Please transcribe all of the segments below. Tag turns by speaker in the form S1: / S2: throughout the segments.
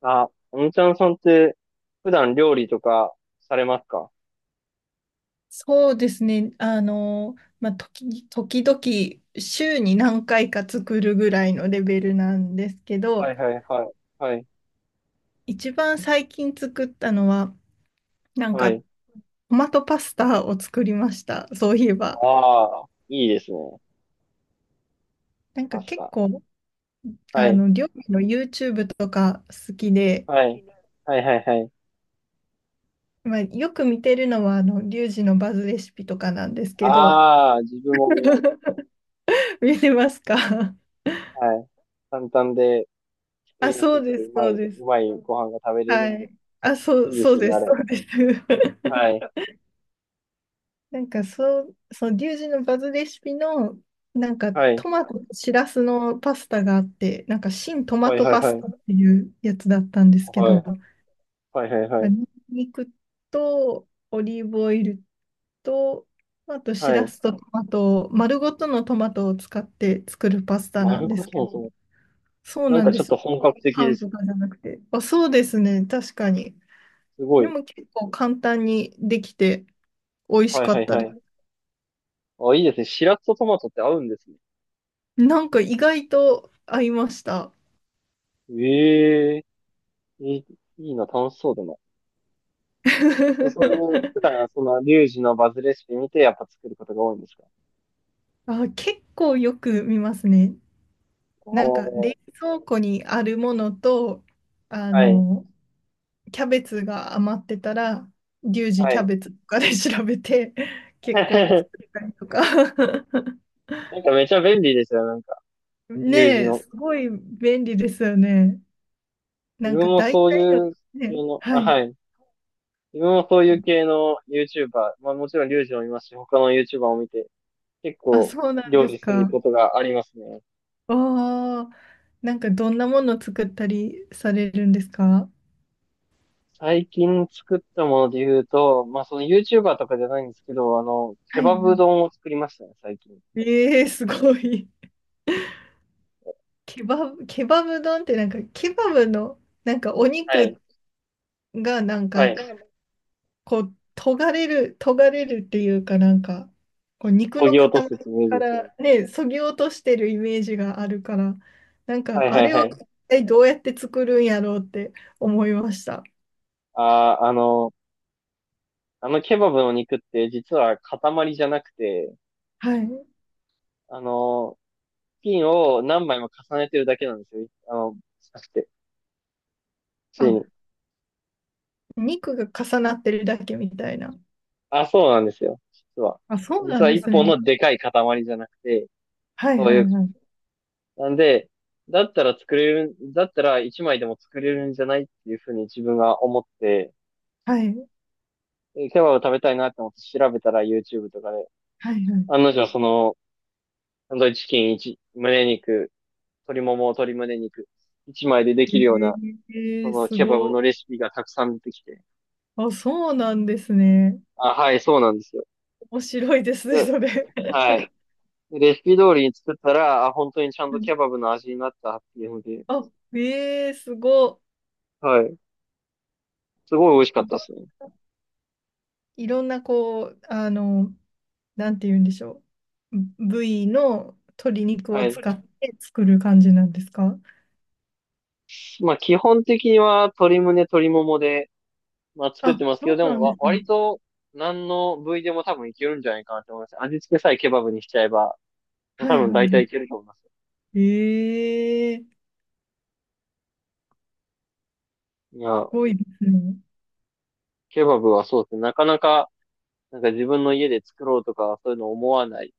S1: あ、おんちゃんさんって普段料理とかされますか？
S2: そうですね。まあ、時々週に何回か作るぐらいのレベルなんですけ
S1: は
S2: ど、
S1: いはいはい。はい。
S2: 一番最近作ったのは、なん
S1: は
S2: かト
S1: い。
S2: マトパスタを作りました。そういえば。
S1: ああ、いいですね。
S2: なん
S1: パ
S2: か
S1: ス
S2: 結
S1: タ。
S2: 構、
S1: はい。
S2: 料理の YouTube とか好きで、
S1: はい。はいはいはい。
S2: まあ、よく見てるのは、リュウジのバズレシピとかなんですけど、
S1: ああ、自分も見ます。
S2: 見てますか？
S1: はい。簡単で 作
S2: あ、
S1: りやす
S2: そう
S1: く
S2: で
S1: て
S2: す、
S1: うま
S2: そう
S1: い、
S2: で
S1: う
S2: す。
S1: まいご飯が食べれる
S2: は
S1: んで、
S2: い。あ、そう、
S1: いいで
S2: そ
S1: す
S2: う
S1: よね、
S2: で
S1: あ
S2: す、そ
S1: れ。
S2: うです。
S1: は い。
S2: なんかそう、そう、リュウジのバズレシピの、なんか
S1: はい。
S2: トマトとシラスのパスタがあって、なんか新トマ
S1: はい
S2: ト
S1: はい
S2: パ
S1: は
S2: スタっ
S1: い。
S2: ていうやつだったんですけ
S1: はい。
S2: ど、
S1: はいはいは
S2: まあ、
S1: い。
S2: ニンニクとオリーブオイルと、あとシ
S1: は
S2: ラ
S1: い。
S2: スとトマトを、丸ごとのトマトを使って作るパスタな
S1: 丸
S2: んで
S1: ご
S2: す
S1: と
S2: け
S1: の
S2: ど、
S1: トマト。
S2: そう
S1: なん
S2: なん
S1: かち
S2: で
S1: ょっと
S2: す。
S1: 本格的で
S2: 缶
S1: す。
S2: とかじゃなくて。あ、そうですね、確かに。
S1: すご
S2: で
S1: い。
S2: も結構簡単にできて美味し
S1: はい
S2: か
S1: は
S2: っ
S1: い
S2: た
S1: は
S2: です。
S1: い。あ、いいですね。しらすとトマトって合うんですね。
S2: なんか意外と合いました。
S1: ええ、いい、いいな、楽しそうだな。え、そういう、普段 はその、リュウジのバズレシピ見て、やっぱ作ることが多いんですか？
S2: あ、結構よく見ますね。
S1: お
S2: なんか冷
S1: ー、
S2: 蔵庫にあるものと、あ
S1: はい、
S2: の、キャベツが余ってたら、リュウジ
S1: は
S2: キャ
S1: い。
S2: ベツとかで調べて、結構作 ったりとか。
S1: なんかめちゃ便利ですよ、なんか、リュウジ
S2: ねえ、
S1: の。
S2: すごい便利ですよね。な
S1: 自
S2: ん
S1: 分
S2: か
S1: も
S2: 大
S1: そう
S2: 体
S1: い
S2: の、
S1: う系
S2: ね、
S1: の、
S2: は
S1: あ、
S2: い。
S1: はい。自分もそういう系の YouTuber、まあもちろんリュウジもいますし、他の YouTuber を見て、結
S2: あ、
S1: 構
S2: そうなん
S1: 料
S2: です
S1: 理する
S2: か。
S1: ことがありますね。
S2: ああ、なんかどんなもの作ったりされるんですか？
S1: 最近作ったもので言うと、まあその YouTuber とかじゃないんですけど、あの、ケ
S2: はい
S1: バ
S2: は
S1: ブ
S2: い。
S1: 丼を作りましたね、最近。
S2: ええすごい。ケバブ丼ってなんか、ケバブの、なんかお
S1: はい。
S2: 肉がなん
S1: はい。
S2: か、こう、とがれる、とがれるっていうかなんか、こう肉
S1: そ
S2: の
S1: ぎ落
S2: 塊
S1: とすってイメージ
S2: か
S1: ですよね。
S2: らね、そぎ落としてるイメージがあるから、なん
S1: はい
S2: か、あ
S1: はい
S2: れを
S1: はい。
S2: 一体どうやって作るんやろうって思いました。
S1: あー、あの、あのケバブの肉って実は塊じゃなくて、
S2: はい。
S1: あの、ピンを何枚も重ねてるだけなんですよ。なくて、ついに。
S2: あ、肉が重なってるだけみたいな。
S1: あ、そうなんですよ。実は。
S2: あ、そうな
S1: 実
S2: ん
S1: は
S2: で
S1: 一
S2: す
S1: 本
S2: ね。
S1: のでかい塊じゃなくて、
S2: はい
S1: そう
S2: は
S1: い
S2: い
S1: う、
S2: はい。
S1: なんで、だったら一枚でも作れるんじゃないっていうふうに自分が思って、
S2: はい
S1: ケバブ食べたいなって思って調べたら YouTube とかで、
S2: はいはい。
S1: 案の定その、サンドイッチチキン1、胸肉、鶏もも、鶏胸肉、1枚でできるような、
S2: え
S1: そ
S2: え
S1: の
S2: す
S1: ケバブ
S2: ご
S1: のレ
S2: い。
S1: シピがたくさん出てきて。
S2: あ、そうなんですね。
S1: あ、はい、そうなんですよ。
S2: 面白いですね、
S1: で、
S2: それ。
S1: はい。レシピ通りに作ったら、あ、本当にちゃん
S2: は
S1: と
S2: い。
S1: ケバブの味になったっていうので、
S2: あ、ええすご
S1: はい。すごい美味しか
S2: い。
S1: ったですね。
S2: いろんな、こう、なんて言うんでしょう。部位の鶏肉
S1: は
S2: を
S1: い。
S2: 使って作る感じなんですか？
S1: まあ、基本的には鶏胸、鶏ももで、まあ、作っ
S2: あ、
S1: てますけど、
S2: そ
S1: で
S2: うな
S1: も
S2: ん
S1: わ、
S2: ですね。
S1: 割と、何の部位でも多分いけるんじゃないかなと思います。味付けさえケバブにしちゃえば、もう
S2: は
S1: 多
S2: い
S1: 分
S2: はい
S1: 大体
S2: は
S1: いけると思います。
S2: い。ええ
S1: いや、
S2: すごいですね。
S1: ケバブはそうですね。なかなか、なんか自分の家で作ろうとか、そういうの思わない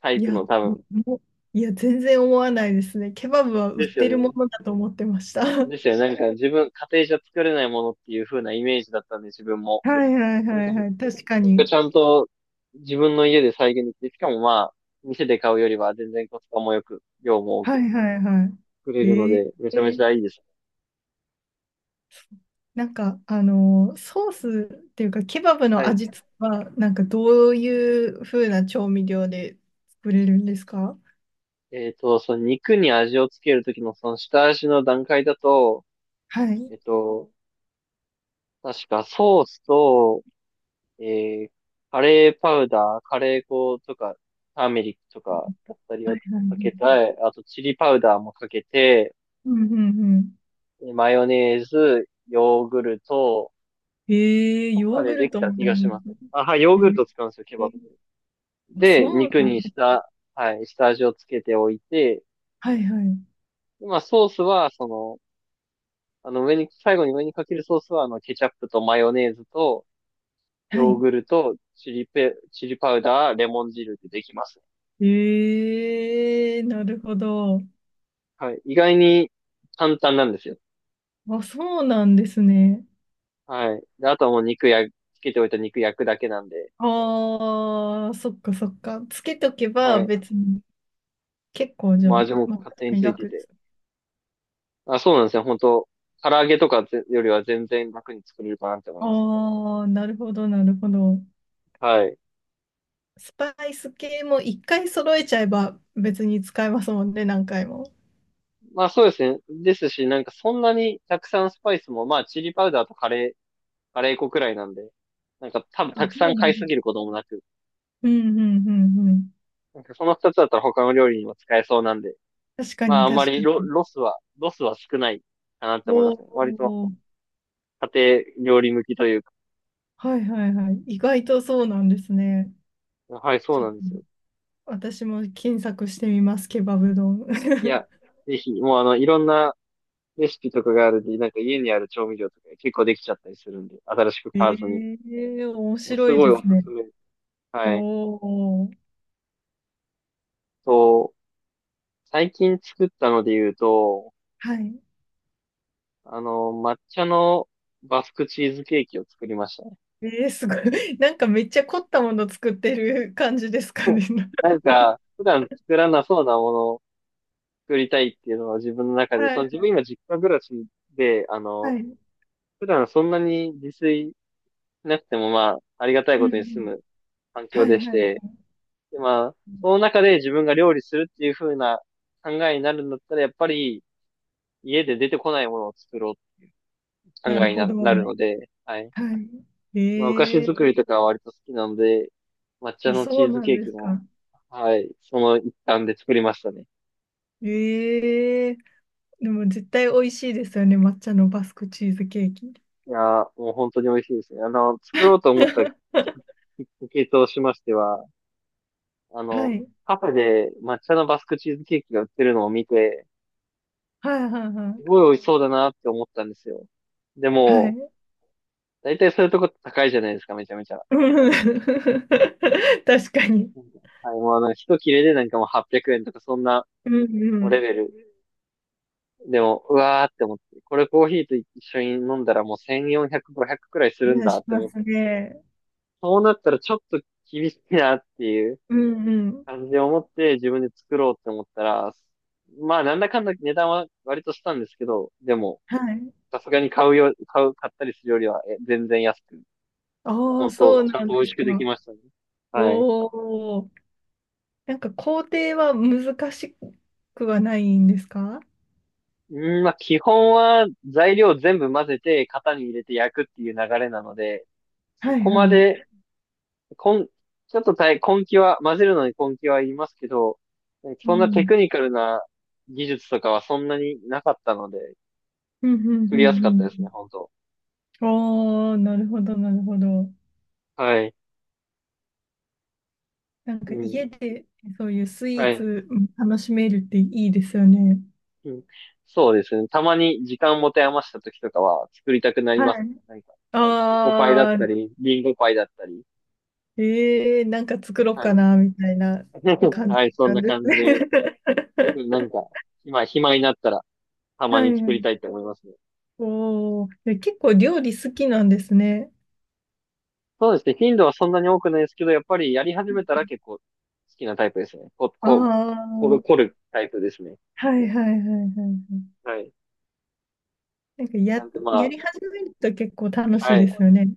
S1: タイ
S2: い
S1: プ
S2: や、
S1: の多分。
S2: ももいや、全然思わないですね。ケバブは売
S1: で
S2: っ
S1: すよ
S2: てるも
S1: ね。
S2: のだと思ってました。
S1: ですよね。なんか自分、家庭じゃ作れないものっていう風なイメージだったんで、自分も。
S2: はいはい
S1: なん
S2: は
S1: か
S2: いはい。
S1: そ
S2: 確か
S1: れが
S2: に。
S1: ちゃんと自分の家で再現できて、しかもまあ、店で買うよりは全然コスパも良く、量も多
S2: は
S1: く
S2: いはいは
S1: 作れ
S2: い。
S1: るので、め
S2: え
S1: ちゃめち
S2: ー、
S1: ゃいいです。
S2: なんか、ソースっていうか、ケバブ
S1: は
S2: の
S1: い。
S2: 味付けは、なんかどういう風な調味料で作れるんですか？
S1: その肉に味をつけるときのその下味の段階だと、
S2: はい。は
S1: えっ
S2: い
S1: と、確かソースとえー、カレーパウダー、カレー粉とか、ターメリックとかだったり
S2: はい
S1: を
S2: は
S1: かけた
S2: い。
S1: て、あとチリパウダーもかけて、
S2: うんうんうん。
S1: でマヨネーズ、ヨーグルト
S2: えー、
S1: と
S2: ヨ
S1: か
S2: ー
S1: で
S2: グ
S1: で
S2: ル
S1: き
S2: ト
S1: た
S2: も
S1: 気
S2: ある
S1: がし
S2: ん
S1: ます。
S2: です
S1: あ、はい、ヨーグル
S2: ね。
S1: ト使うんですよ、ケ
S2: え
S1: バ
S2: ー、
S1: ブって。
S2: あそ
S1: で、
S2: う
S1: 肉
S2: なん
S1: に
S2: だ。
S1: した、はい、下味をつけておいて、
S2: はいはい。
S1: でまあ、ソースは、その、あの、最後に上にかけるソースは、あの、ケチャップとマヨネーズと、
S2: は
S1: ヨー
S2: い。
S1: グルト、チリパウダー、レモン汁でできます。
S2: えー、なるほど。
S1: はい。意外に簡単なんですよ。
S2: あ、そうなんですね。
S1: はい。で、あとはもうつけておいた肉焼くだけなんで、
S2: ああ、そっかそっか。つけとけば
S1: はい。
S2: 別に結構じゃあ、
S1: もう味も
S2: まあ、
S1: 勝
S2: 確
S1: 手
S2: か
S1: に
S2: に
S1: ついて
S2: 楽で
S1: て。
S2: す。
S1: あ、そうなんですよ。本当唐揚げとかぜよりは全然楽に作れるかなって思いますね。
S2: ああ、なるほど、なるほど。
S1: はい。
S2: スパイス系も一回揃えちゃえば別に使えますもんね、何回も。
S1: まあそうですね。ですし、なんかそんなにたくさんスパイスも、まあチリパウダーとカレー粉くらいなんで、なんか多分
S2: あ
S1: たくさ
S2: そう
S1: ん
S2: な
S1: 買
S2: ん
S1: い
S2: で
S1: すぎる
S2: す。
S1: こともなく、
S2: うんうんうんうん。
S1: なんかその二つだったら他の料理にも使えそうなんで、
S2: 確か
S1: ま
S2: に
S1: ああんま
S2: 確か
S1: り
S2: に。
S1: ロスは少ないかなって思い
S2: お
S1: ますね。割と
S2: お、
S1: 家庭料理向きというか。
S2: はいはいはい。意外とそうなんですね。
S1: はい、そう
S2: ちょっ
S1: な
S2: と
S1: んですよ。
S2: 私も検索してみます、ケバブ丼。
S1: いや、ぜひ、もうあの、いろんなレシピとかがあるんで、なんか家にある調味料とか結構できちゃったりするんで、新しく
S2: え
S1: 買わずに。
S2: え面
S1: もう
S2: 白
S1: す
S2: い
S1: ごい
S2: で
S1: お
S2: す
S1: す
S2: ね。
S1: すめ。
S2: お
S1: はい。
S2: お、
S1: と、最近作ったので言うと、
S2: はい。
S1: あの、抹茶のバスクチーズケーキを作りましたね。
S2: えー、すごい。なんかめっちゃ凝ったもの作ってる感じですか ね？
S1: なんか、普段作らなそうなものを作りたいっていうのは自分の中で、
S2: は
S1: その
S2: い、
S1: 自分今実家暮らしで、あ
S2: は
S1: の、
S2: い。うん
S1: 普段そんなに自炊なくてもまあ、ありがたい
S2: う
S1: ことに住
S2: ん。
S1: む環
S2: は
S1: 境
S2: い、
S1: でし
S2: はい。
S1: て、でまあ、その中で自分が料理するっていう風な考えになるんだったら、やっぱり家で出てこないものを作ろうっ
S2: な
S1: て考
S2: る
S1: えに
S2: ほ
S1: な
S2: ど。
S1: な
S2: は
S1: るので、はい。
S2: い。え
S1: まあ、お菓子作
S2: ー、
S1: りとかは割と好きなので、抹茶
S2: あ、
S1: の
S2: そ
S1: チ
S2: う
S1: ーズ
S2: なん
S1: ケー
S2: で
S1: キ
S2: す
S1: も、
S2: か。
S1: はい、その一環で作りましたね。
S2: えー、でも絶対美味しいですよね。抹茶のバスクチーズケーキ。
S1: いやー、もう本当に美味しいですね。あの、作ろうと思ったき っかけとしましては、あの、
S2: はい。
S1: カフェで抹茶のバスクチーズケーキが売ってるのを見て、
S2: はい、はい、は
S1: す
S2: い。
S1: ごい美味しそうだなって思ったんですよ。で
S2: は
S1: も、
S2: い。
S1: だいたいそういうとこって高いじゃないですか、めちゃめちゃ。
S2: うん 確かに。
S1: うん、はい、もうあの、一切れでなんかもう800円とかそんな、
S2: うんう
S1: もうレ
S2: ん。
S1: ベル。でも、うわーって思って、これコーヒーと一緒に飲んだらもう1400、5くくらいす
S2: い
S1: るん
S2: や、
S1: だ
S2: し
S1: って
S2: ま
S1: 思って、
S2: すね。
S1: そうなったらちょっと厳しいなっていう
S2: うんうん。
S1: 感じで思って自分で作ろうって思ったら、まあなんだかんだ値段は割としたんですけど、でも、
S2: はい。
S1: さすがに買うよ、買う、買ったりするよりは全然安く
S2: ああ、
S1: 本
S2: そ
S1: 当
S2: う
S1: ちゃ
S2: な
S1: ん
S2: ん
S1: と美
S2: で
S1: 味し
S2: す
S1: くでき
S2: か。
S1: ましたね。はい。
S2: おお、なんか工程は難しくはないんですか？
S1: うん、まあ、基本は材料全部混ぜて型に入れて焼くっていう流れなので、そ
S2: はい
S1: こ
S2: は
S1: ま
S2: い。
S1: で、こん、ちょっと大、根気は、混ぜるのに根気はいりますけど、
S2: う
S1: そんなテ
S2: ん。
S1: クニカルな技術とかはそんなになかったので、
S2: うん、うん、
S1: 作
S2: う
S1: りやすかったで
S2: ん、
S1: すね、本当。
S2: うん。おお、なるほど、なるほど。
S1: はい。
S2: なん
S1: う
S2: か
S1: ん。
S2: 家でそういうスイ
S1: は
S2: ー
S1: い。
S2: ツ楽しめるっていいですよね。
S1: うん。そうですね。たまに時間持て余した時とかは作りたくなり
S2: はい。
S1: ますね。何か、チョコパイだっ
S2: あ
S1: た
S2: あ、
S1: り、リンゴパイだったり。
S2: ええなんか作ろう
S1: は
S2: か
S1: い。
S2: な、みたいな 感じ
S1: はい、そん
S2: なん
S1: な
S2: です
S1: 感
S2: ね。
S1: じで、なん か、今暇になったら、たま
S2: は
S1: に作り
S2: い。
S1: たいと思いますね。
S2: おお、で結構料理好きなんですね。
S1: そうですね。頻度はそんなに多くないですけど、やっぱりやり始めたら結構好きなタイプですね。こ、
S2: あ
S1: こ、こる、凝
S2: あ、
S1: るタイプですね。
S2: はいはいはいはいはい。
S1: はい。
S2: なんか
S1: なんで
S2: や
S1: ま
S2: り始めると結構楽
S1: あ、
S2: し
S1: は
S2: いで
S1: い。
S2: すよね。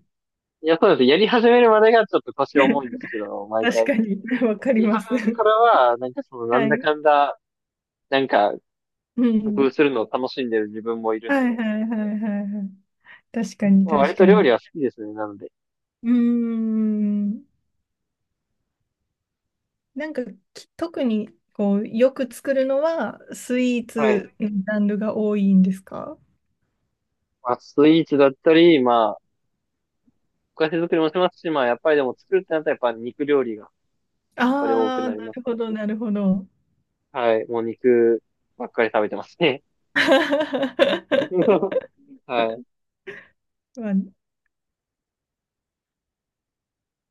S1: いや、そうです。やり始めるまでがちょっと腰重いんですけど、毎
S2: 確
S1: 回。や
S2: かに、わかり
S1: り
S2: ます。
S1: 始めてからは、なんかその、なん
S2: は
S1: だ
S2: い。
S1: かんだ、なんか、
S2: う
S1: 工
S2: ん。
S1: 夫するのを楽しんでる自分もいる
S2: は
S1: ん
S2: い
S1: で、
S2: はいはいはいはい。確かに
S1: まあ、
S2: 確
S1: 割
S2: か
S1: と料
S2: に。
S1: 理は好きですね。なので。
S2: うーん。なんか特にこう、よく作るのはスイー
S1: はい。
S2: ツのジャンルが多いんですか？
S1: まあ、スイーツだったり、まあ、お菓子作りもしますし、まあ、やっぱりでも作るってなったらやっぱ肉料理が、これ多く
S2: ああ
S1: な
S2: ー、
S1: り
S2: な
S1: ます
S2: る
S1: ね。
S2: ほどなるほど。
S1: はい。もう肉ばっかり食べてますね。はい。
S2: まあ、